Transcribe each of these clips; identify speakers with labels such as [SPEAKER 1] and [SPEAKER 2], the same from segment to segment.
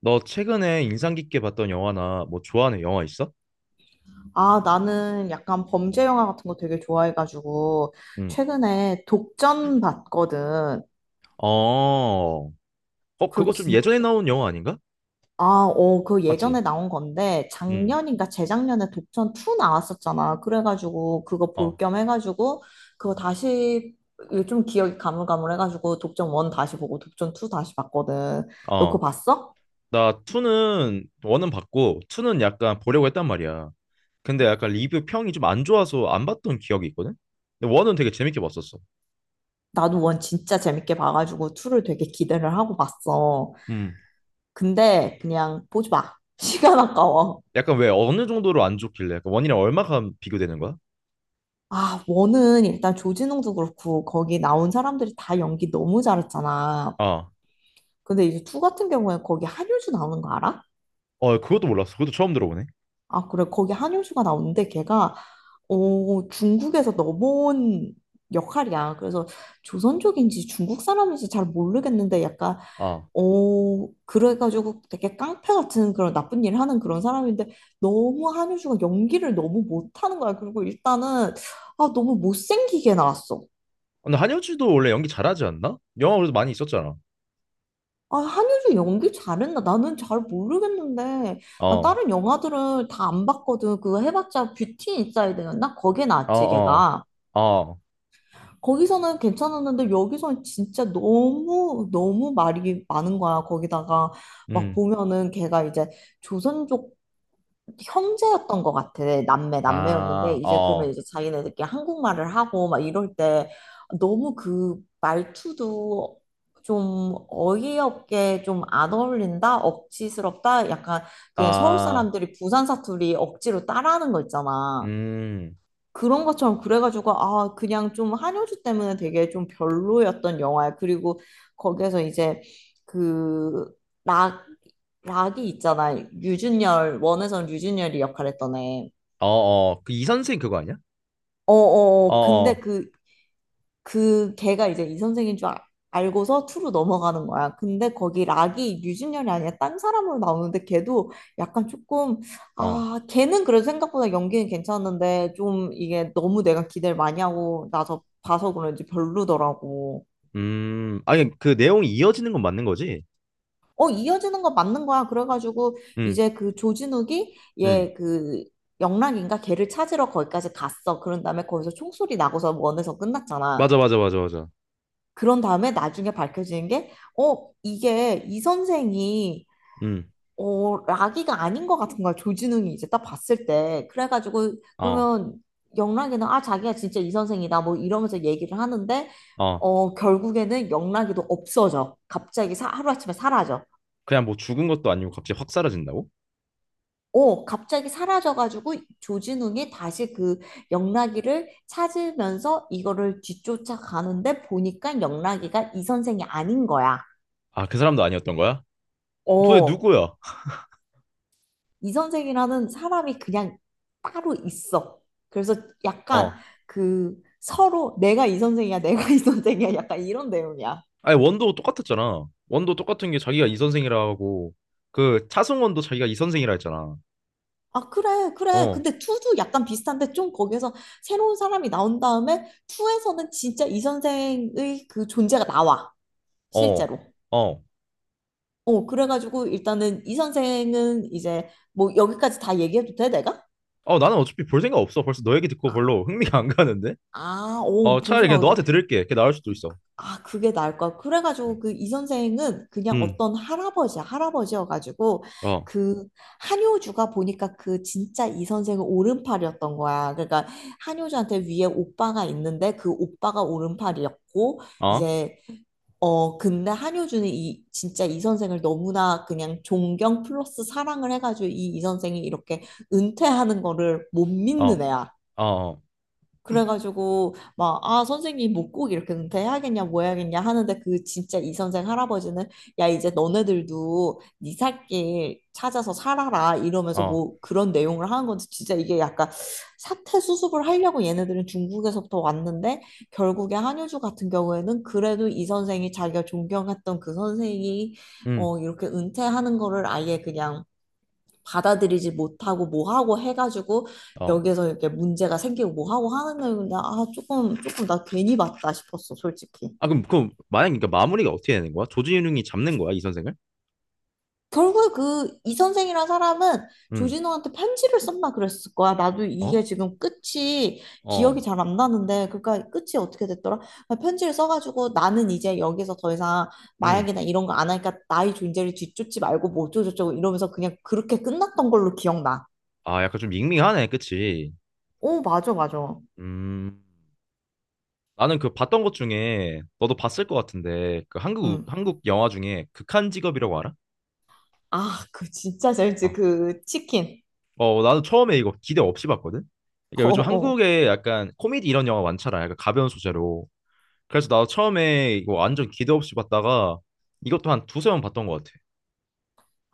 [SPEAKER 1] 너 최근에 인상 깊게 봤던 영화나 뭐 좋아하는 영화 있어?
[SPEAKER 2] 아, 나는 약간 범죄 영화 같은 거 되게 좋아해가지고,
[SPEAKER 1] 응.
[SPEAKER 2] 최근에 독전 봤거든.
[SPEAKER 1] 어. 어,
[SPEAKER 2] 그거
[SPEAKER 1] 그거 좀 예전에
[SPEAKER 2] 진짜,
[SPEAKER 1] 나온 영화 아닌가?
[SPEAKER 2] 그
[SPEAKER 1] 맞지?
[SPEAKER 2] 예전에 나온 건데,
[SPEAKER 1] 응.
[SPEAKER 2] 작년인가 재작년에 독전 2 나왔었잖아. 그래가지고, 그거 볼
[SPEAKER 1] 어.
[SPEAKER 2] 겸 해가지고, 그거 다시, 이게 좀 기억이 가물가물해가지고, 독전 1 다시 보고, 독전 2 다시 봤거든. 너 그거
[SPEAKER 1] 어.
[SPEAKER 2] 봤어?
[SPEAKER 1] 나 2는 원은 봤고 2는 약간 보려고 했단 말이야. 근데 약간 리뷰 평이 좀 안 좋아서 안 봤던 기억이 있거든. 근데 원은 되게 재밌게 봤었어.
[SPEAKER 2] 나도 원 진짜 재밌게 봐가지고, 2를 되게 기대를 하고 봤어.
[SPEAKER 1] 음.
[SPEAKER 2] 근데, 그냥 보지 마. 시간 아까워.
[SPEAKER 1] 약간 왜 어느 정도로 안 좋길래? 약간 원이랑 얼마가 비교되는 거야?
[SPEAKER 2] 아, 원은 일단 조진웅도 그렇고 거기 나온 사람들이 다 연기 너무 잘했잖아.
[SPEAKER 1] 아.
[SPEAKER 2] 근데 이제 투 같은 경우에 거기 한효주 나오는 거 알아?
[SPEAKER 1] 어, 그것도 몰랐어. 그것도 처음 들어보네.
[SPEAKER 2] 아, 그래. 거기 한효주가 나오는데 걔가 중국에서 넘어온 역할이야. 그래서 조선족인지 중국 사람인지 잘 모르겠는데 약간
[SPEAKER 1] 아.
[SPEAKER 2] 어, 그래가지고 되게 깡패 같은 그런 나쁜 일을 하는 그런 사람인데 너무 한효주가 연기를 너무 못하는 거야. 그리고 일단은 아, 너무 못생기게 나왔어.
[SPEAKER 1] 근데 한효주도 원래 연기 잘하지 않나? 영화 그래도 많이 있었잖아.
[SPEAKER 2] 아, 한효주 연기 잘했나? 나는 잘 모르겠는데. 나
[SPEAKER 1] 어.
[SPEAKER 2] 다른 영화들을 다 안 봤거든. 그거 해봤자 뷰티 인사이드였나? 거기에
[SPEAKER 1] 어,
[SPEAKER 2] 나왔지,
[SPEAKER 1] 어,
[SPEAKER 2] 걔가.
[SPEAKER 1] 어,
[SPEAKER 2] 거기서는 괜찮았는데 여기서는 진짜 너무 너무 말이 많은 거야. 거기다가 막
[SPEAKER 1] 음,
[SPEAKER 2] 보면은 걔가 이제 조선족 형제였던 것 같아. 남매, 남매였는데,
[SPEAKER 1] 아,
[SPEAKER 2] 이제 그러면
[SPEAKER 1] 어,
[SPEAKER 2] 이제 자기네들끼리 한국말을 하고 막 이럴 때 너무 그 말투도 좀 어이없게 좀 안 어울린다? 억지스럽다? 약간 그냥 서울
[SPEAKER 1] 아,
[SPEAKER 2] 사람들이 부산 사투리 억지로 따라하는 거 있잖아.
[SPEAKER 1] 음,
[SPEAKER 2] 그런 것처럼 그래가지고 아 그냥 좀 한효주 때문에 되게 좀 별로였던 영화야. 그리고 거기에서 이제 그 락, 락이 있잖아. 유준열 원에선 유준열이 역할했던 애.
[SPEAKER 1] 어, 어, 그 이 선생 그거 아니야? 어,
[SPEAKER 2] 어어 근데
[SPEAKER 1] 어,
[SPEAKER 2] 그 걔가 이제 이 선생인 줄 알고서 투로 넘어가는 거야. 근데 거기 락이 유진열이 아니라 딴 사람으로 나오는데 걔도 약간 조금
[SPEAKER 1] 어,
[SPEAKER 2] 아 걔는 그래도 생각보다 연기는 괜찮았는데 좀 이게 너무 내가 기대를 많이 하고 나서 봐서 그런지 별로더라고.
[SPEAKER 1] 아니 그 내용이 이어지는 건 맞는 거지?
[SPEAKER 2] 어, 이어지는 거 맞는 거야. 그래가지고
[SPEAKER 1] 음,
[SPEAKER 2] 이제 그 조진욱이
[SPEAKER 1] 음,
[SPEAKER 2] 얘그 영락인가 걔를 찾으러 거기까지 갔어. 그런 다음에 거기서 총소리 나고서 원에서 끝났잖아.
[SPEAKER 1] 맞아, 맞아, 맞아, 맞아,
[SPEAKER 2] 그런 다음에 나중에 밝혀지는 게, 이게 이 선생이,
[SPEAKER 1] 음,
[SPEAKER 2] 라기가 아닌 것 같은 거야. 조진웅이 이제 딱 봤을 때. 그래가지고,
[SPEAKER 1] 어,
[SPEAKER 2] 그러면 영락이는, 아, 자기가 진짜 이 선생이다. 뭐 이러면서 얘기를 하는데,
[SPEAKER 1] 어,
[SPEAKER 2] 결국에는 영락이도 없어져. 갑자기 하루아침에 사라져.
[SPEAKER 1] 그냥 뭐 죽은 것도 아니고 갑자기 확 사라진다고?
[SPEAKER 2] 갑자기 사라져가지고 조진웅이 다시 그 영락이를 찾으면서 이거를 뒤쫓아 가는데 보니까 영락이가 이 선생이 아닌 거야.
[SPEAKER 1] 아, 그 사람도 아니었던 거야? 도대체
[SPEAKER 2] 어,
[SPEAKER 1] 누구야?
[SPEAKER 2] 이 선생이라는 사람이 그냥 따로 있어. 그래서 약간
[SPEAKER 1] 어,
[SPEAKER 2] 그 서로 내가 이 선생이야, 내가 이 선생이야, 약간 이런 내용이야.
[SPEAKER 1] 아니 원도 똑같았잖아. 원도 똑같은 게 자기가 이 선생이라고, 그 차승원도 자기가 이 선생이라 했잖아.
[SPEAKER 2] 아, 그래, 그래.
[SPEAKER 1] 어,
[SPEAKER 2] 근데 투도 약간 비슷한데 좀 거기에서 새로운 사람이 나온 다음에 투에서는 진짜 이 선생의 그 존재가 나와,
[SPEAKER 1] 어,
[SPEAKER 2] 실제로.
[SPEAKER 1] 어.
[SPEAKER 2] 어, 그래가지고 일단은 이 선생은 이제 뭐 여기까지 다 얘기해도 돼, 내가?
[SPEAKER 1] 어, 나는 어차피 볼 생각 없어. 벌써 너 얘기 듣고
[SPEAKER 2] 아,
[SPEAKER 1] 별로 흥미가 안 가는데? 어, 차라리 그냥
[SPEAKER 2] 보셔.
[SPEAKER 1] 너한테 들을게. 그게 나을 수도 있어.
[SPEAKER 2] 아, 그게 나을 것.
[SPEAKER 1] 음,
[SPEAKER 2] 그래가지고 그 이 선생은 그냥
[SPEAKER 1] 음,
[SPEAKER 2] 어떤 할아버지야, 할아버지여가지고
[SPEAKER 1] 어,
[SPEAKER 2] 그 한효주가 보니까 그 진짜 이 선생은 오른팔이었던 거야. 그러니까 한효주한테 위에 오빠가 있는데 그 오빠가 오른팔이었고
[SPEAKER 1] 어,
[SPEAKER 2] 이제 어 근데 한효주는 이 진짜 이 선생을 너무나 그냥 존경 플러스 사랑을 해가지고 이 선생이 이렇게 은퇴하는 거를 못 믿는
[SPEAKER 1] 어,
[SPEAKER 2] 애야.
[SPEAKER 1] 어,
[SPEAKER 2] 그래가지고 막 아 선생님 못 꼭 이렇게 은퇴해야겠냐 뭐 해야겠냐 하는데 그 진짜 이 선생 할아버지는 야 이제 너네들도 네 살길 찾아서 살아라 이러면서
[SPEAKER 1] 어,
[SPEAKER 2] 뭐 그런 내용을 하는 건데 진짜 이게 약간 사태 수습을 하려고 얘네들은 중국에서부터 왔는데 결국에 한효주 같은 경우에는 그래도 이 선생이 자기가 존경했던 그 선생이
[SPEAKER 1] 음,
[SPEAKER 2] 어 이렇게 은퇴하는 거를 아예 그냥 받아들이지 못하고 뭐하고 해가지고
[SPEAKER 1] 어.
[SPEAKER 2] 여기에서 이렇게 문제가 생기고 뭐하고 하는 거용데아 조금 나 괜히 봤다 싶었어 솔직히.
[SPEAKER 1] 아, 그럼, 그럼, 만약에 그러니까 마무리가 어떻게 되는 거야? 조진웅이 잡는 거야, 이 선생을?
[SPEAKER 2] 결국에 그 이 선생이란 사람은
[SPEAKER 1] 음,
[SPEAKER 2] 조진호한테 편지를 썼나 그랬을 거야. 나도
[SPEAKER 1] 어?
[SPEAKER 2] 이게 지금 끝이
[SPEAKER 1] 어,
[SPEAKER 2] 기억이 잘 안 나는데 그러니까 끝이 어떻게 됐더라. 편지를 써가지고 나는 이제 여기서 더 이상
[SPEAKER 1] 음.
[SPEAKER 2] 마약이나 이런 거 안 하니까 나의 존재를 뒤쫓지 말고 뭐 어쩌고저쩌고 이러면서 그냥 그렇게 끝났던 걸로 기억나.
[SPEAKER 1] 아, 약간 좀 밍밍하네, 그치?
[SPEAKER 2] 오 맞아, 맞아.
[SPEAKER 1] 음. 나는 그 봤던 것 중에, 너도 봤을 것 같은데, 그 한국,
[SPEAKER 2] 응.
[SPEAKER 1] 한국 영화 중에 극한 직업이라고 알아?
[SPEAKER 2] 아, 그 진짜
[SPEAKER 1] 어.
[SPEAKER 2] 잘지 그 치킨.
[SPEAKER 1] 어, 나도 처음에 이거 기대 없이 봤거든. 그러니까
[SPEAKER 2] 어,
[SPEAKER 1] 요즘
[SPEAKER 2] 어.
[SPEAKER 1] 한국에 약간 코미디 이런 영화 많잖아. 약간 가벼운 소재로. 그래서 나도 처음에 이거 완전 기대 없이 봤다가 이것도 한 두세 번 봤던 것 같아.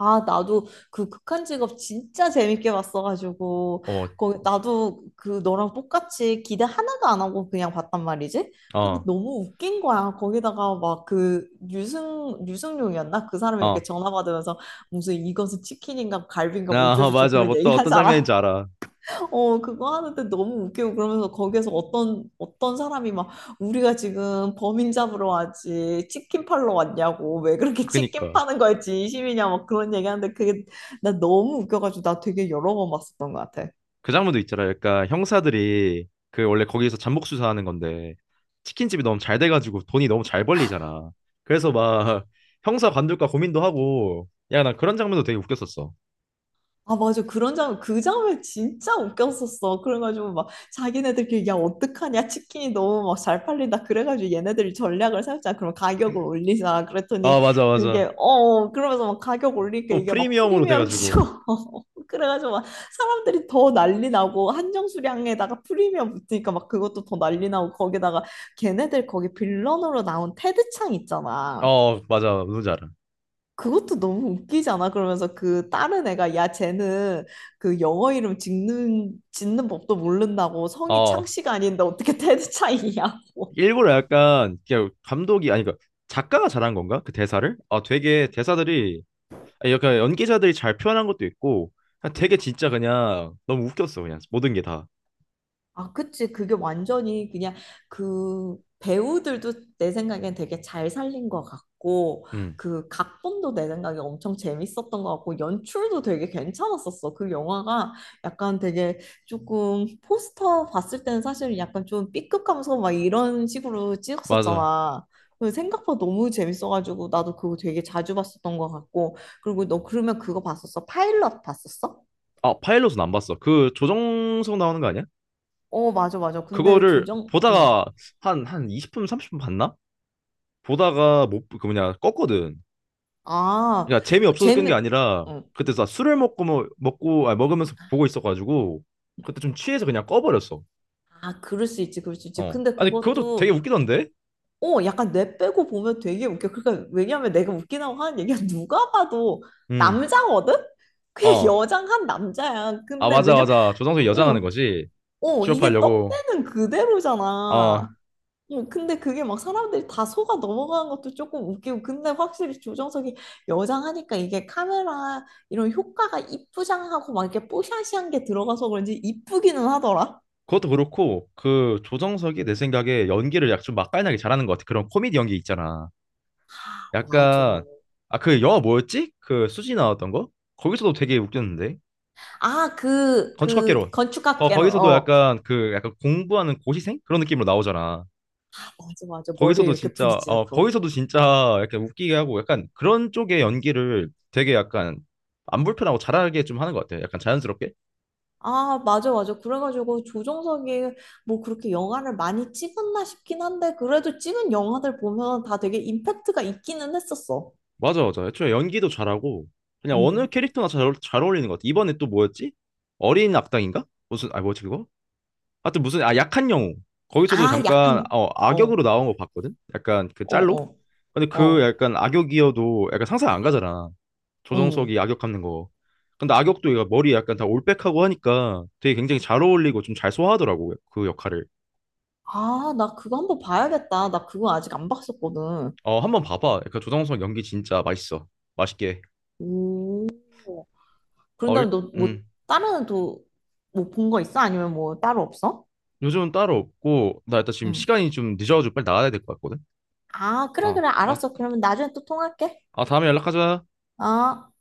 [SPEAKER 2] 아, 나도 그 극한 직업 진짜 재밌게 봤어가지고
[SPEAKER 1] 어,
[SPEAKER 2] 거기 나도 그 너랑 똑같이 기대 하나도 안 하고 그냥 봤단 말이지. 근데
[SPEAKER 1] 어,
[SPEAKER 2] 너무 웃긴 거야. 거기다가 막 그 유승용이었나? 그 사람이 이렇게
[SPEAKER 1] 어.
[SPEAKER 2] 전화 받으면서 무슨 이것은 치킨인가 갈비인가
[SPEAKER 1] 아,
[SPEAKER 2] 뭐죠저죠
[SPEAKER 1] 맞아.
[SPEAKER 2] 그런
[SPEAKER 1] 뭐
[SPEAKER 2] 얘기
[SPEAKER 1] 또 어떤 장면인지
[SPEAKER 2] 하잖아.
[SPEAKER 1] 알아.
[SPEAKER 2] 어, 그거 하는데 너무 웃기고 그러면서 거기에서 어떤, 어떤 사람이 막 우리가 지금 범인 잡으러 왔지, 치킨 팔러 왔냐고, 왜 그렇게 치킨
[SPEAKER 1] 그니까.
[SPEAKER 2] 파는 거에 진심이냐, 막 그런 얘기 하는데 그게 나 너무 웃겨가지고 나 되게 여러 번 봤었던 것 같아.
[SPEAKER 1] 그 장면도 있잖아. 약간 형사들이 그 원래 거기서 잠복 수사하는 건데 치킨집이 너무 잘 돼가지고 돈이 너무 잘 벌리잖아. 그래서 막 형사 관둘까 고민도 하고 야, 나 그런 장면도 되게 웃겼었어.
[SPEAKER 2] 아, 맞아. 그런 장, 그 장면 진짜 웃겼었어. 그래가지고 막 자기네들끼리 야, 어떡하냐. 치킨이 너무 막 잘 팔린다. 그래가지고 얘네들이 전략을 세웠잖아. 그럼 가격을 올리자.
[SPEAKER 1] 아,
[SPEAKER 2] 그랬더니
[SPEAKER 1] 맞아, 맞아.
[SPEAKER 2] 그게, 그러면서 막 가격 올리니까
[SPEAKER 1] 또
[SPEAKER 2] 이게 막
[SPEAKER 1] 프리미엄으로
[SPEAKER 2] 프리미엄 치고.
[SPEAKER 1] 돼가지고
[SPEAKER 2] 그래가지고 막 사람들이 더 난리 나고 한정 수량에다가 프리미엄 붙으니까 막 그것도 더 난리 나고 거기다가 걔네들 거기 빌런으로 나온 테드 창 있잖아.
[SPEAKER 1] 어 맞아 누군지 알아.
[SPEAKER 2] 그것도 너무 웃기지 않아? 그러면서 그 다른 애가 야 쟤는 그 영어 이름 짓는 법도 모른다고 성이
[SPEAKER 1] 어
[SPEAKER 2] 창씨가 아닌데 어떻게 테드 차이냐고.
[SPEAKER 1] 일부러 약간 그냥 감독이 아니 그 작가가 잘한 건가 그 대사를 아 되게 대사들이 아니, 약간 연기자들이 잘 표현한 것도 있고 그냥 되게 진짜 그냥 너무 웃겼어 그냥 모든 게다음
[SPEAKER 2] 아, 그치. 그게 완전히 그냥 그 배우들도 내 생각엔 되게 잘 살린 것 같고, 그 각본도 내 생각에 엄청 재밌었던 것 같고, 연출도 되게 괜찮았었어. 그 영화가 약간 되게 조금 포스터 봤을 때는 사실 약간 좀 B급 감성 막 이런 식으로
[SPEAKER 1] 맞아.
[SPEAKER 2] 찍었었잖아. 그 생각보다 너무 재밌어가지고 나도 그거 되게 자주 봤었던 것 같고 그리고 너 그러면 그거 봤었어? 파일럿 봤었어?
[SPEAKER 1] 아 파일럿은 안 봤어. 그 조정석 나오는 거 아니야?
[SPEAKER 2] 어 맞아, 맞아. 근데
[SPEAKER 1] 그거를
[SPEAKER 2] 조정 응.
[SPEAKER 1] 보다가 한 20분 30분 봤나 보다가 못 그 뭐냐 껐거든.
[SPEAKER 2] 아,
[SPEAKER 1] 그러니까 재미없어서 끈
[SPEAKER 2] 재미,
[SPEAKER 1] 게 아니라
[SPEAKER 2] 어.
[SPEAKER 1] 그때 나 술을 먹고 뭐, 먹고 아 먹으면서 보고 있어가지고 그때 좀 취해서 그냥 꺼버렸어.
[SPEAKER 2] 아, 그럴 수 있지, 그럴 수 있지.
[SPEAKER 1] 어.
[SPEAKER 2] 근데
[SPEAKER 1] 아니 그것도 되게
[SPEAKER 2] 그것도,
[SPEAKER 1] 웃기던데?
[SPEAKER 2] 어, 약간 뇌 빼고 보면 되게 웃겨. 그러니까, 왜냐면 내가 웃기다고 하는 얘기가 누가 봐도
[SPEAKER 1] 음.
[SPEAKER 2] 남자거든? 그냥
[SPEAKER 1] 어.
[SPEAKER 2] 여장한 남자야.
[SPEAKER 1] 아
[SPEAKER 2] 근데
[SPEAKER 1] 맞아
[SPEAKER 2] 왜냐,
[SPEAKER 1] 맞아. 조정석이 여장하는
[SPEAKER 2] 어,
[SPEAKER 1] 거지.
[SPEAKER 2] 어, 이게
[SPEAKER 1] 취업하려고.
[SPEAKER 2] 떡대는 그대로잖아.
[SPEAKER 1] 어.
[SPEAKER 2] 어, 근데 그게 막 사람들이 다 속아 넘어가는 것도 조금 웃기고. 근데 확실히 조정석이 여장하니까 이게 카메라 이런 효과가 이쁘장하고 막 이렇게 뽀샤시한 게 들어가서 그런지 이쁘기는 하더라.
[SPEAKER 1] 그것도 그렇고 그 조정석이 내 생각에 연기를 약 좀 맛깔나게 잘하는 것 같아. 그런 코미디 연기 있잖아.
[SPEAKER 2] 맞아.
[SPEAKER 1] 약간 아 그 영화 뭐였지? 그 수지 나왔던 거? 거기서도 되게 웃겼는데.
[SPEAKER 2] 아, 그, 그,
[SPEAKER 1] 건축학개론. 거
[SPEAKER 2] 건축학개론,
[SPEAKER 1] 거기서도
[SPEAKER 2] 어.
[SPEAKER 1] 약간 그 약간 공부하는 고시생 그런 느낌으로 나오잖아.
[SPEAKER 2] 맞아, 맞아. 머리에
[SPEAKER 1] 거기서도
[SPEAKER 2] 이렇게
[SPEAKER 1] 진짜
[SPEAKER 2] 브릿지
[SPEAKER 1] 어
[SPEAKER 2] 넣고.
[SPEAKER 1] 거기서도 진짜 약간 웃기게 하고 약간 그런 쪽의 연기를 되게 약간 안 불편하고 잘하게 좀 하는 것 같아요. 약간 자연스럽게.
[SPEAKER 2] 아, 맞아, 맞아. 그래가지고 조정석이 뭐 그렇게 영화를 많이 찍었나 싶긴 한데, 그래도 찍은 영화들 보면 다 되게 임팩트가 있기는 했었어.
[SPEAKER 1] 맞아 맞아. 애초에 연기도 잘하고 그냥 어느
[SPEAKER 2] 음.
[SPEAKER 1] 캐릭터나 잘 어울리는 것 같아. 이번에 또 뭐였지? 어린 악당인가? 무슨 아 뭐지 그거? 하여튼 무슨 아 약한 영웅. 거기서도
[SPEAKER 2] 아, 약한
[SPEAKER 1] 잠깐
[SPEAKER 2] 영.
[SPEAKER 1] 어
[SPEAKER 2] 어,
[SPEAKER 1] 악역으로 나온 거 봤거든. 약간 그
[SPEAKER 2] 어,
[SPEAKER 1] 짤로.
[SPEAKER 2] 어,
[SPEAKER 1] 근데 그
[SPEAKER 2] 어,
[SPEAKER 1] 약간 악역이어도 약간 상상 안 가잖아.
[SPEAKER 2] 음.
[SPEAKER 1] 조정석이 악역 하는 거. 근데 악역도 얘가 머리 약간 다 올백하고 하니까 되게 굉장히 잘 어울리고 좀 잘 소화하더라고 그 역할을.
[SPEAKER 2] 아, 나 그거 한번 봐야겠다. 나 그거 아직 안 봤었거든.
[SPEAKER 1] 어 한번 봐봐. 약간 조정석 연기 진짜 맛있어. 맛있게 해.
[SPEAKER 2] 오. 그런
[SPEAKER 1] 어
[SPEAKER 2] 다음에
[SPEAKER 1] 일,
[SPEAKER 2] 너 뭐 다른 또 뭐 본 거 있어? 아니면 뭐 따로 없어?
[SPEAKER 1] 요즘은 따로 없고 나 일단 지금
[SPEAKER 2] 응.
[SPEAKER 1] 시간이 좀 늦어가지고 빨리 나가야 될 것 같거든.
[SPEAKER 2] 아, 그래,
[SPEAKER 1] 아,
[SPEAKER 2] 그래.
[SPEAKER 1] 아,
[SPEAKER 2] 알았어. 그러면 나중에 또 통화할게.
[SPEAKER 1] 아 다음에 연락하자.
[SPEAKER 2] 어.